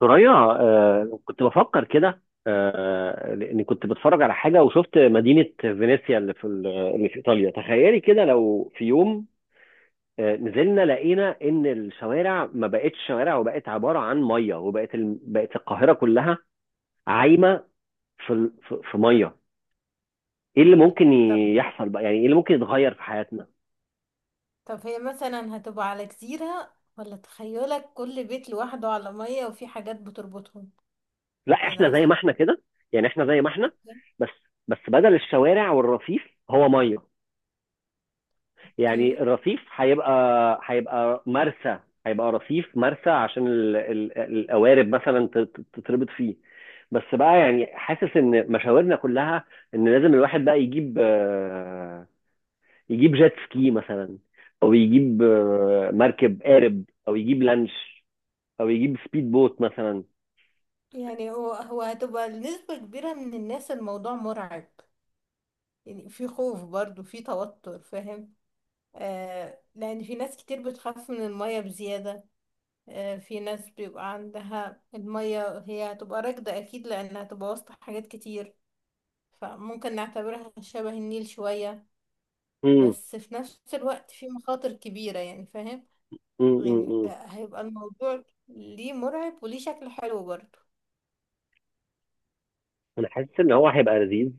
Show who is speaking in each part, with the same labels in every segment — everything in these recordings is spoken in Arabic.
Speaker 1: ثريا، كنت بفكر كده، لاني كنت بتفرج على حاجه وشفت مدينه فينيسيا اللي في ايطاليا. تخيلي كده لو في يوم نزلنا لقينا ان الشوارع ما بقتش شوارع وبقت عباره عن ميه، وبقت بقت القاهره كلها عايمه في ال... في في ميه. ايه اللي ممكن
Speaker 2: طب
Speaker 1: يحصل بقى؟ يعني ايه اللي ممكن يتغير في حياتنا؟
Speaker 2: طب هي مثلا هتبقى على جزيرة، ولا تخيلك كل بيت لوحده على مية وفي حاجات بتربطهم؟
Speaker 1: لا،
Speaker 2: يعني
Speaker 1: احنا زي ما
Speaker 2: أصل.
Speaker 1: احنا كده. يعني احنا زي ما احنا. بس بس بدل الشوارع والرصيف هو ميه. يعني
Speaker 2: اوكي.
Speaker 1: الرصيف هيبقى مرسى. هيبقى رصيف مرسى عشان القوارب مثلا تتربط فيه. بس بقى يعني حاسس ان مشاورنا كلها، ان لازم الواحد بقى يجيب جيت سكي مثلا. او يجيب مركب قارب، او يجيب لانش، او يجيب سبيد بوت مثلا.
Speaker 2: يعني هو هتبقى لنسبة كبيرة من الناس الموضوع مرعب، يعني في خوف برضو، في توتر، فاهم؟ آه، لأن في ناس كتير بتخاف من المية بزيادة. آه، في ناس بيبقى عندها المية هي هتبقى راكدة أكيد لأنها هتبقى وسط حاجات كتير، فممكن نعتبرها شبه النيل شوية.
Speaker 1: امم.
Speaker 2: بس في نفس الوقت في مخاطر كبيرة، يعني فاهم؟
Speaker 1: امم.
Speaker 2: يعني
Speaker 1: امم.
Speaker 2: هيبقى الموضوع ليه مرعب وليه شكل حلو برضه.
Speaker 1: انا حاسس ان هو هيبقى لذيذ.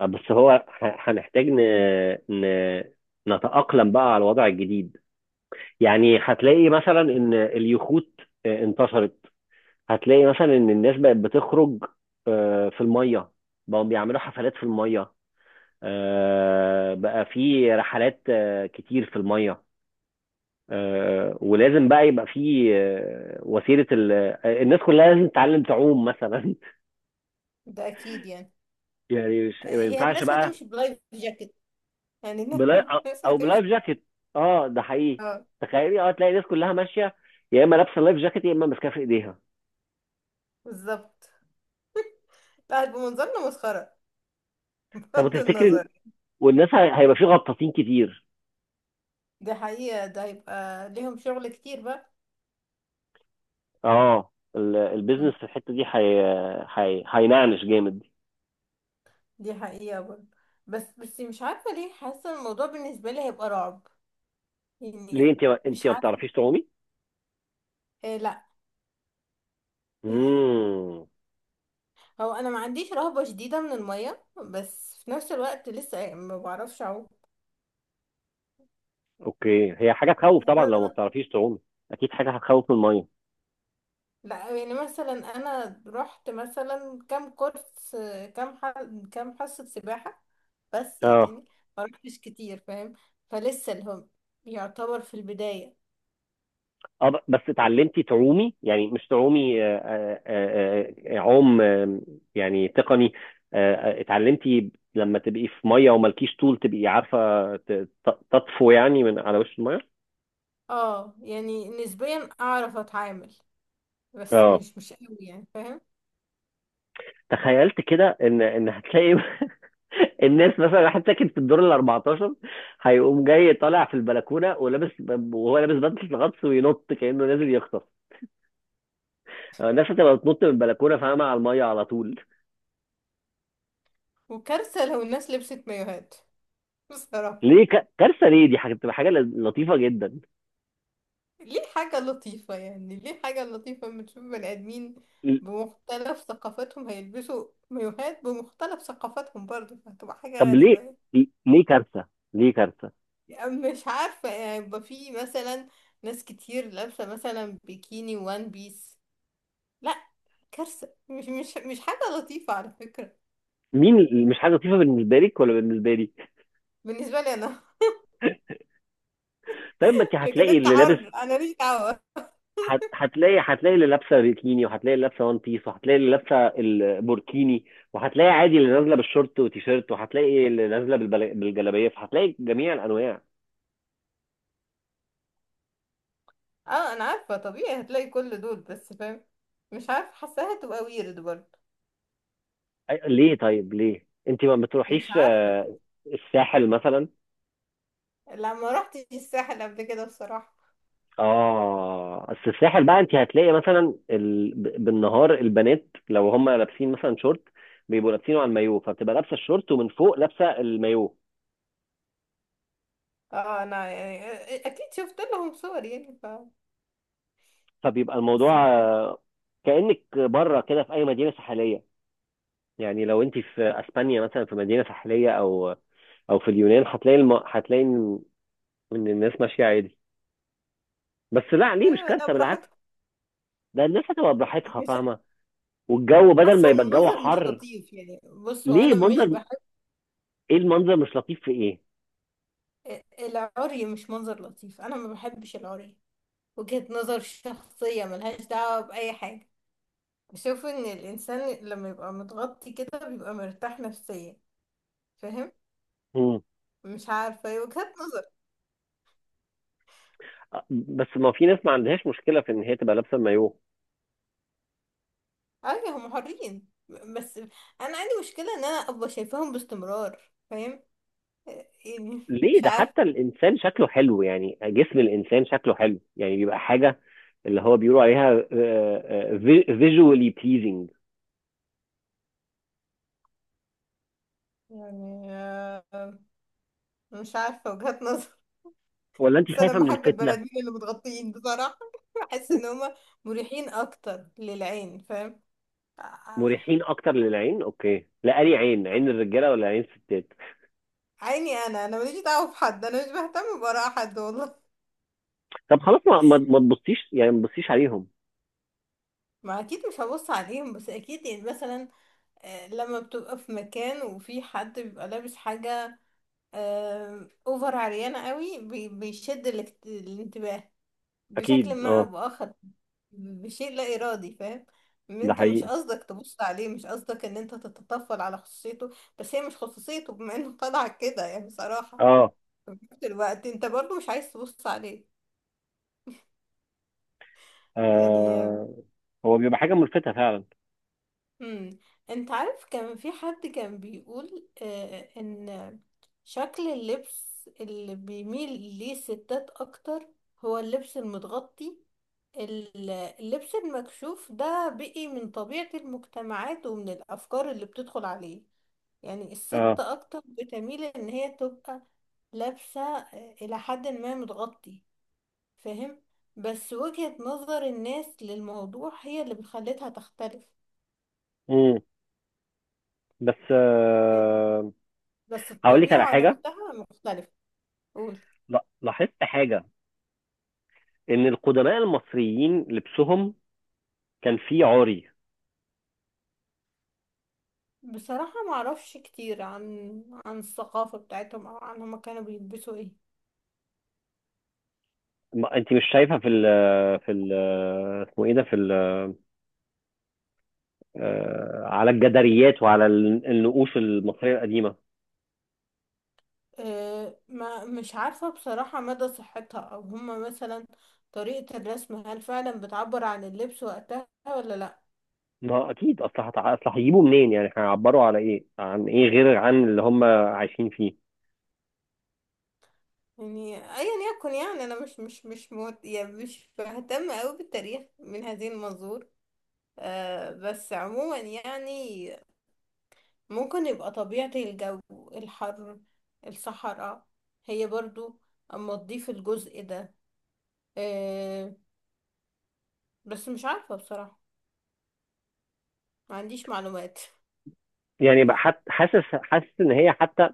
Speaker 1: بس هو هنحتاج ن... نتأقلم بقى على الوضع الجديد. يعني هتلاقي مثلا ان اليخوت انتشرت. هتلاقي مثلا ان الناس بقت بتخرج في الميه. بقوا بيعملوا حفلات في الميه. بقى في رحلات كتير في الميه. ولازم بقى يبقى في وسيله، ال... آه، الناس كلها لازم تتعلم تعوم مثلا.
Speaker 2: ده أكيد يعني.
Speaker 1: يعني مش، ما
Speaker 2: هي
Speaker 1: ينفعش
Speaker 2: الناس
Speaker 1: بقى.
Speaker 2: هتمشي بلايف جاكيت، يعني
Speaker 1: بلا...
Speaker 2: الناس
Speaker 1: او
Speaker 2: هتمشي.
Speaker 1: بلايف جاكيت. اه، ده حقيقي.
Speaker 2: اه،
Speaker 1: تخيلي، تلاقي الناس كلها ماشيه، يا اما لابسه لايف جاكيت يا اما ماسكاه في ايديها.
Speaker 2: بالظبط. لا، هيبقى منظرنا مسخرة،
Speaker 1: طب
Speaker 2: بغض
Speaker 1: تفتكري،
Speaker 2: النظر.
Speaker 1: والناس هيبقى في غطاسين كتير.
Speaker 2: دي حقيقة، ده هيبقى ليهم شغل كتير بقى.
Speaker 1: اه، البيزنس
Speaker 2: مم.
Speaker 1: في الحته دي هينعنش جامد.
Speaker 2: دي حقيقة برضه. بس مش عارفة ليه حاسة الموضوع بالنسبة لي هيبقى رعب، يعني.
Speaker 1: ليه، انت
Speaker 2: مش
Speaker 1: ما
Speaker 2: عارفة.
Speaker 1: بتعرفيش تعومي؟
Speaker 2: إيه، لا.
Speaker 1: امم.
Speaker 2: هو انا ما عنديش رهبة شديدة من المية، بس في نفس الوقت لسه يعني ما بعرفش اعوم.
Speaker 1: اوكي، هي حاجه تخوف طبعا لو ما بتعرفيش تعومي. اكيد حاجه هتخوف من الميه.
Speaker 2: لا، يعني مثلا انا رحت مثلا كام كورس، كام ح... كام حصة سباحة، بس
Speaker 1: اه،
Speaker 2: يعني ما رحتش كتير فاهم؟ فلسه الهم يعتبر في البداية.
Speaker 1: اه، بس اتعلمتي تعومي، يعني مش تعومي، عوم، يعني تقني. اتعلمتي لما تبقي في ميه ومالكيش طول تبقي عارفه ت- تطفو يعني من على وش الميه.
Speaker 2: اه، يعني نسبيا اعرف اتعامل، بس
Speaker 1: اه.
Speaker 2: مش قوي، يعني فاهم؟
Speaker 1: تخيلت كده ان هتلاقي الناس، مثلا واحد ساكن في الدور ال 14 هيقوم جاي طالع في البلكونه ولابس، وهو لابس بدله الغطس وينط كانه نازل يغطس. الناس هتبقى بتنط من البلكونه، فاهمه، على الميه على طول.
Speaker 2: وكارثة لو الناس لبست مايوهات بصراحة.
Speaker 1: ليه كارثه؟ ليه، دي حاجه بتبقى حاجه لطيفه جدا.
Speaker 2: ليه حاجة لطيفة؟ يعني ليه حاجة لطيفة لما تشوف بني آدمين
Speaker 1: ل-
Speaker 2: بمختلف ثقافاتهم هيلبسوا مايوهات بمختلف ثقافاتهم برضه؟ فهتبقى حاجة
Speaker 1: طب ليه،
Speaker 2: غريبة يعني.
Speaker 1: ليه كارثه، ليه كارثه؟
Speaker 2: يعني مش عارفة، يعني يبقى في مثلا ناس كتير لابسة مثلا بيكيني وان بيس. لا، كارثة، مش حاجة لطيفة على فكرة.
Speaker 1: مين مش حاجه لطيفه، بالنسبه لك ولا بالنسبه لي؟
Speaker 2: بالنسبة لي أنا
Speaker 1: طيب ما انت
Speaker 2: لكن
Speaker 1: هتلاقي
Speaker 2: أنت
Speaker 1: اللي لابس.
Speaker 2: حر، أنا ليش دعوة.
Speaker 1: هتلاقي اللي لابسه بيكيني، وهتلاقي اللي لابسه وان بيس، وهتلاقي اللي لابسه البوركيني، وهتلاقي عادي اللي نازله بالشورت وتيشيرت، وهتلاقي اللي نازله بالجلابيه، فهتلاقي جميع الانواع.
Speaker 2: اه، أنا عارفة طبيعي هتلاقي كل دول، بس فاهم؟ مش عارفة، حاساها تبقى ويرد برضه.
Speaker 1: ليه، طيب ليه انت ما بتروحيش
Speaker 2: مش عارفة.
Speaker 1: الساحل مثلا؟
Speaker 2: لا، ما رحتش الساحل قبل كده بصراحة.
Speaker 1: اه، بس الساحل بقى انت هتلاقي مثلا بالنهار البنات لو هم لابسين مثلا شورت، بيبقوا لابسينه على المايو، فبتبقى لابسه الشورت ومن فوق لابسه المايو.
Speaker 2: اه، انا يعني اكيد شفت لهم صور يعني،
Speaker 1: فبيبقى
Speaker 2: بس
Speaker 1: الموضوع
Speaker 2: في.
Speaker 1: كأنك بره كده في اي مدينه ساحليه. يعني لو انت في اسبانيا مثلا في مدينه ساحليه، او في اليونان، هتلاقي هتلاقي إن الناس ماشيه عادي. بس لا، ليه مش
Speaker 2: ايوه، ده
Speaker 1: كارثه، بالعكس.
Speaker 2: براحتكم.
Speaker 1: ده الناس هتبقى براحتها،
Speaker 2: مش
Speaker 1: فاهمه. والجو
Speaker 2: حاسة
Speaker 1: بدل ما
Speaker 2: ان
Speaker 1: يبقى الجو
Speaker 2: المنظر مش
Speaker 1: حر.
Speaker 2: لطيف، يعني بصوا
Speaker 1: ليه
Speaker 2: انا مش
Speaker 1: منظر؟
Speaker 2: بحب
Speaker 1: ايه المنظر مش لطيف، في ايه؟
Speaker 2: العري، مش منظر لطيف، انا ما بحبش العري. وجهة نظر شخصية ملهاش دعوة بأي حاجة. بشوف ان الانسان لما يبقى متغطي كده بيبقى مرتاح نفسيا، فاهم؟
Speaker 1: مم.
Speaker 2: مش عارفة، هي وجهة نظر.
Speaker 1: بس ما في ناس ما عندهاش مشكله في ان هي تبقى لابسه مايو.
Speaker 2: ايوه، هم حرين، بس انا عندي مشكله ان انا ابقى شايفاهم باستمرار، فاهم؟ يعني
Speaker 1: ليه؟
Speaker 2: مش
Speaker 1: ده حتى
Speaker 2: عارفه،
Speaker 1: الانسان شكله حلو، يعني جسم الانسان شكله حلو، يعني بيبقى حاجه اللي هو بيقولوا عليها فيجوالي بليزنج.
Speaker 2: يعني مش عارفه، وجهات نظر.
Speaker 1: ولا انت
Speaker 2: بس
Speaker 1: خايفه
Speaker 2: انا
Speaker 1: من
Speaker 2: بحب البني
Speaker 1: الفتنه؟
Speaker 2: ادمين اللي متغطيين بصراحه. بحس ان هم مريحين اكتر للعين، فاهم آه،
Speaker 1: مريحين اكتر للعين، اوكي، لا أنهي عين، عين الرجاله ولا عين الستات؟
Speaker 2: عيني انا ماليش دعوه بحد، انا مش بهتم باراء حد والله.
Speaker 1: طب خلاص، ما تبصيش، يعني ما تبصيش عليهم.
Speaker 2: ما اكيد مش هبص عليهم، بس اكيد يعني مثلا. لما بتبقى في مكان وفي حد بيبقى لابس حاجه اوفر عريانة قوي، بيشد الانتباه بشكل
Speaker 1: اكيد،
Speaker 2: ما او
Speaker 1: اه.
Speaker 2: باخر، بشيء لا ارادي، فاهم؟
Speaker 1: ده
Speaker 2: انت مش
Speaker 1: حقيقي.
Speaker 2: قصدك تبص عليه، مش قصدك ان انت تتطفل على خصوصيته. بس هي مش خصوصيته بما انه طلع كده، يعني بصراحة.
Speaker 1: اه.
Speaker 2: في نفس الوقت انت برضو مش عايز تبص عليه، يعني.
Speaker 1: آه، هو بيبقى حاجه ملفته فعلا.
Speaker 2: امم. انت عارف كان في حد كان بيقول ان شكل اللبس اللي بيميل ليه الستات اكتر هو اللبس المتغطي. اللبس المكشوف ده بقي من طبيعة المجتمعات ومن الافكار اللي بتدخل عليه. يعني الست
Speaker 1: اه.
Speaker 2: اكتر بتميل ان هي تبقى لابسة الى حد ما متغطي، فاهم؟ بس وجهة نظر الناس للموضوع هي اللي بتخليتها تختلف.
Speaker 1: امم. بس
Speaker 2: بس
Speaker 1: هقول لك على
Speaker 2: الطبيعة
Speaker 1: حاجه.
Speaker 2: نفسها مختلفة. قول.
Speaker 1: لا، لاحظت حاجه، ان القدماء المصريين لبسهم كان فيه عري.
Speaker 2: بصراحة ما اعرفش كتير عن الثقافة بتاعتهم او عن هما كانوا بيلبسوا ايه.
Speaker 1: انت مش شايفه في ال في ال اسمه ايه ده، في ال آه، على الجداريات وعلى النقوش المصريه القديمه؟
Speaker 2: أه، ما مش عارفة بصراحة مدى صحتها، او هما مثلا طريقة الرسم هل فعلا بتعبر عن اللبس وقتها ولا لا.
Speaker 1: ما اكيد، اصل هيجيبوا منين؟ يعني هيعبروا على ايه، عن ايه، غير عن اللي هم عايشين فيه؟
Speaker 2: يعني ايا يكن، يعني انا مش موت، يعني مش بهتم اوي بالتاريخ من هذه المنظور. أه، بس عموما يعني ممكن يبقى طبيعة الجو، الحر، الصحراء، هي برضو اما تضيف الجزء ده. أه، بس مش عارفة بصراحة، ما عنديش معلومات.
Speaker 1: يعني بقى حاسس ان هي حتى،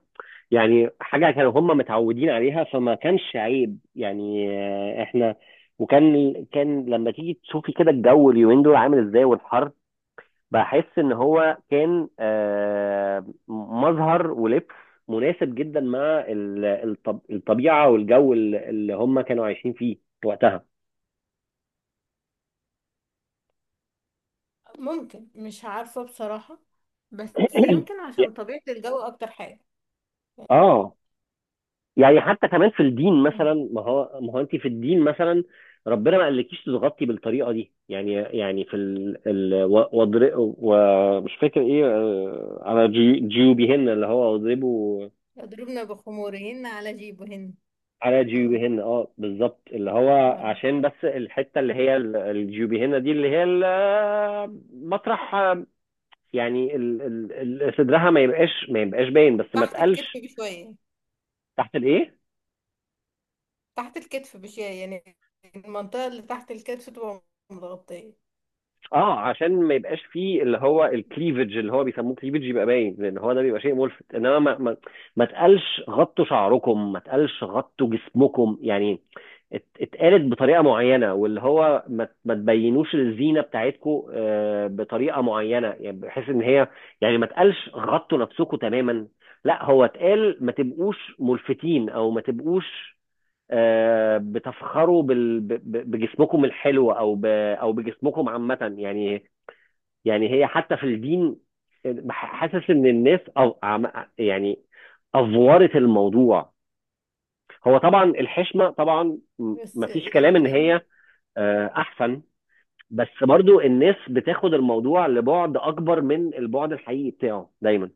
Speaker 1: يعني حاجه كانوا هم متعودين عليها، فما كانش عيب يعني. احنا، وكان لما تيجي تشوفي كده الجو اليومين دول عامل ازاي والحر، بحس ان هو كان مظهر ولبس مناسب جدا مع الطبيعه والجو اللي هم كانوا عايشين فيه وقتها.
Speaker 2: ممكن، مش عارفة بصراحة، بس يمكن عشان طبيعة الجو أكتر حاجة يعني.
Speaker 1: اه. يعني حتى كمان في الدين مثلا،
Speaker 2: مم.
Speaker 1: ما هو انت في الدين مثلا ربنا ما قالكيش تتغطي بالطريقه دي يعني. يعني في ال ال و- واضر- ومش فاكر ايه، على جيوبهن، اللي هو واضربوا
Speaker 2: يضربن بخمورهن على جيبهن.
Speaker 1: على
Speaker 2: مم.
Speaker 1: جيوبهن. اه، بالظبط، اللي هو
Speaker 2: آه.
Speaker 1: عشان بس الحته اللي هي الجيوبهن دي، اللي هي مطرح، يعني صدرها ما يبقاش باين، بس ما
Speaker 2: تحت الكتف
Speaker 1: تقلش.
Speaker 2: بشوية.
Speaker 1: تحت الايه؟
Speaker 2: تحت الكتف بشوية يعني، المنطقة اللي تحت الكتف تبقى متغطية.
Speaker 1: اه، عشان ما يبقاش فيه اللي هو الكليفج اللي هو بيسموه كليفج يبقى باين، لان هو ده بيبقى شيء ملفت. انما ما تقلش غطوا شعركم، ما تقلش غطوا جسمكم يعني. اتقالت بطريقه معينه، واللي هو ما تبينوش الزينه بتاعتكم بطريقه معينه، يعني بحيث ان هي، يعني ما تقلش غطوا نفسكم تماما. لا، هو اتقال ما تبقوش ملفتين، او ما تبقوش بتفخروا بجسمكم الحلو، او بجسمكم عامه يعني. يعني هي حتى في الدين حاسس ان الناس يعني افورت الموضوع. هو طبعا الحشمه طبعا،
Speaker 2: بس
Speaker 1: مفيش كلام ان
Speaker 2: يعني
Speaker 1: هي احسن. بس برضو الناس بتاخد الموضوع لبعد اكبر من البعد الحقيقي بتاعه دايما.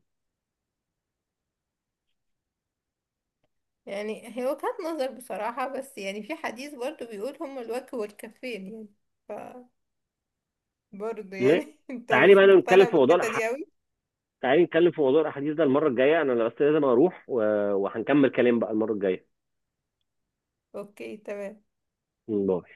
Speaker 2: يعني هي وجهة نظر بصراحة. بس يعني في حديث برضو بيقول هما الوجه والكفين، يعني ف برضو
Speaker 1: م-
Speaker 2: يعني انت
Speaker 1: تعالي
Speaker 2: مش
Speaker 1: بقى نتكلم
Speaker 2: مقتنع
Speaker 1: في موضوع
Speaker 2: بالحتة دي
Speaker 1: الأح...
Speaker 2: قوي.
Speaker 1: تعالي نتكلم في موضوع الاحاديث ده المره الجايه، انا بس لازم اروح وهنكمل كلام بقى المره الجايه،
Speaker 2: اوكي، تمام.
Speaker 1: والله.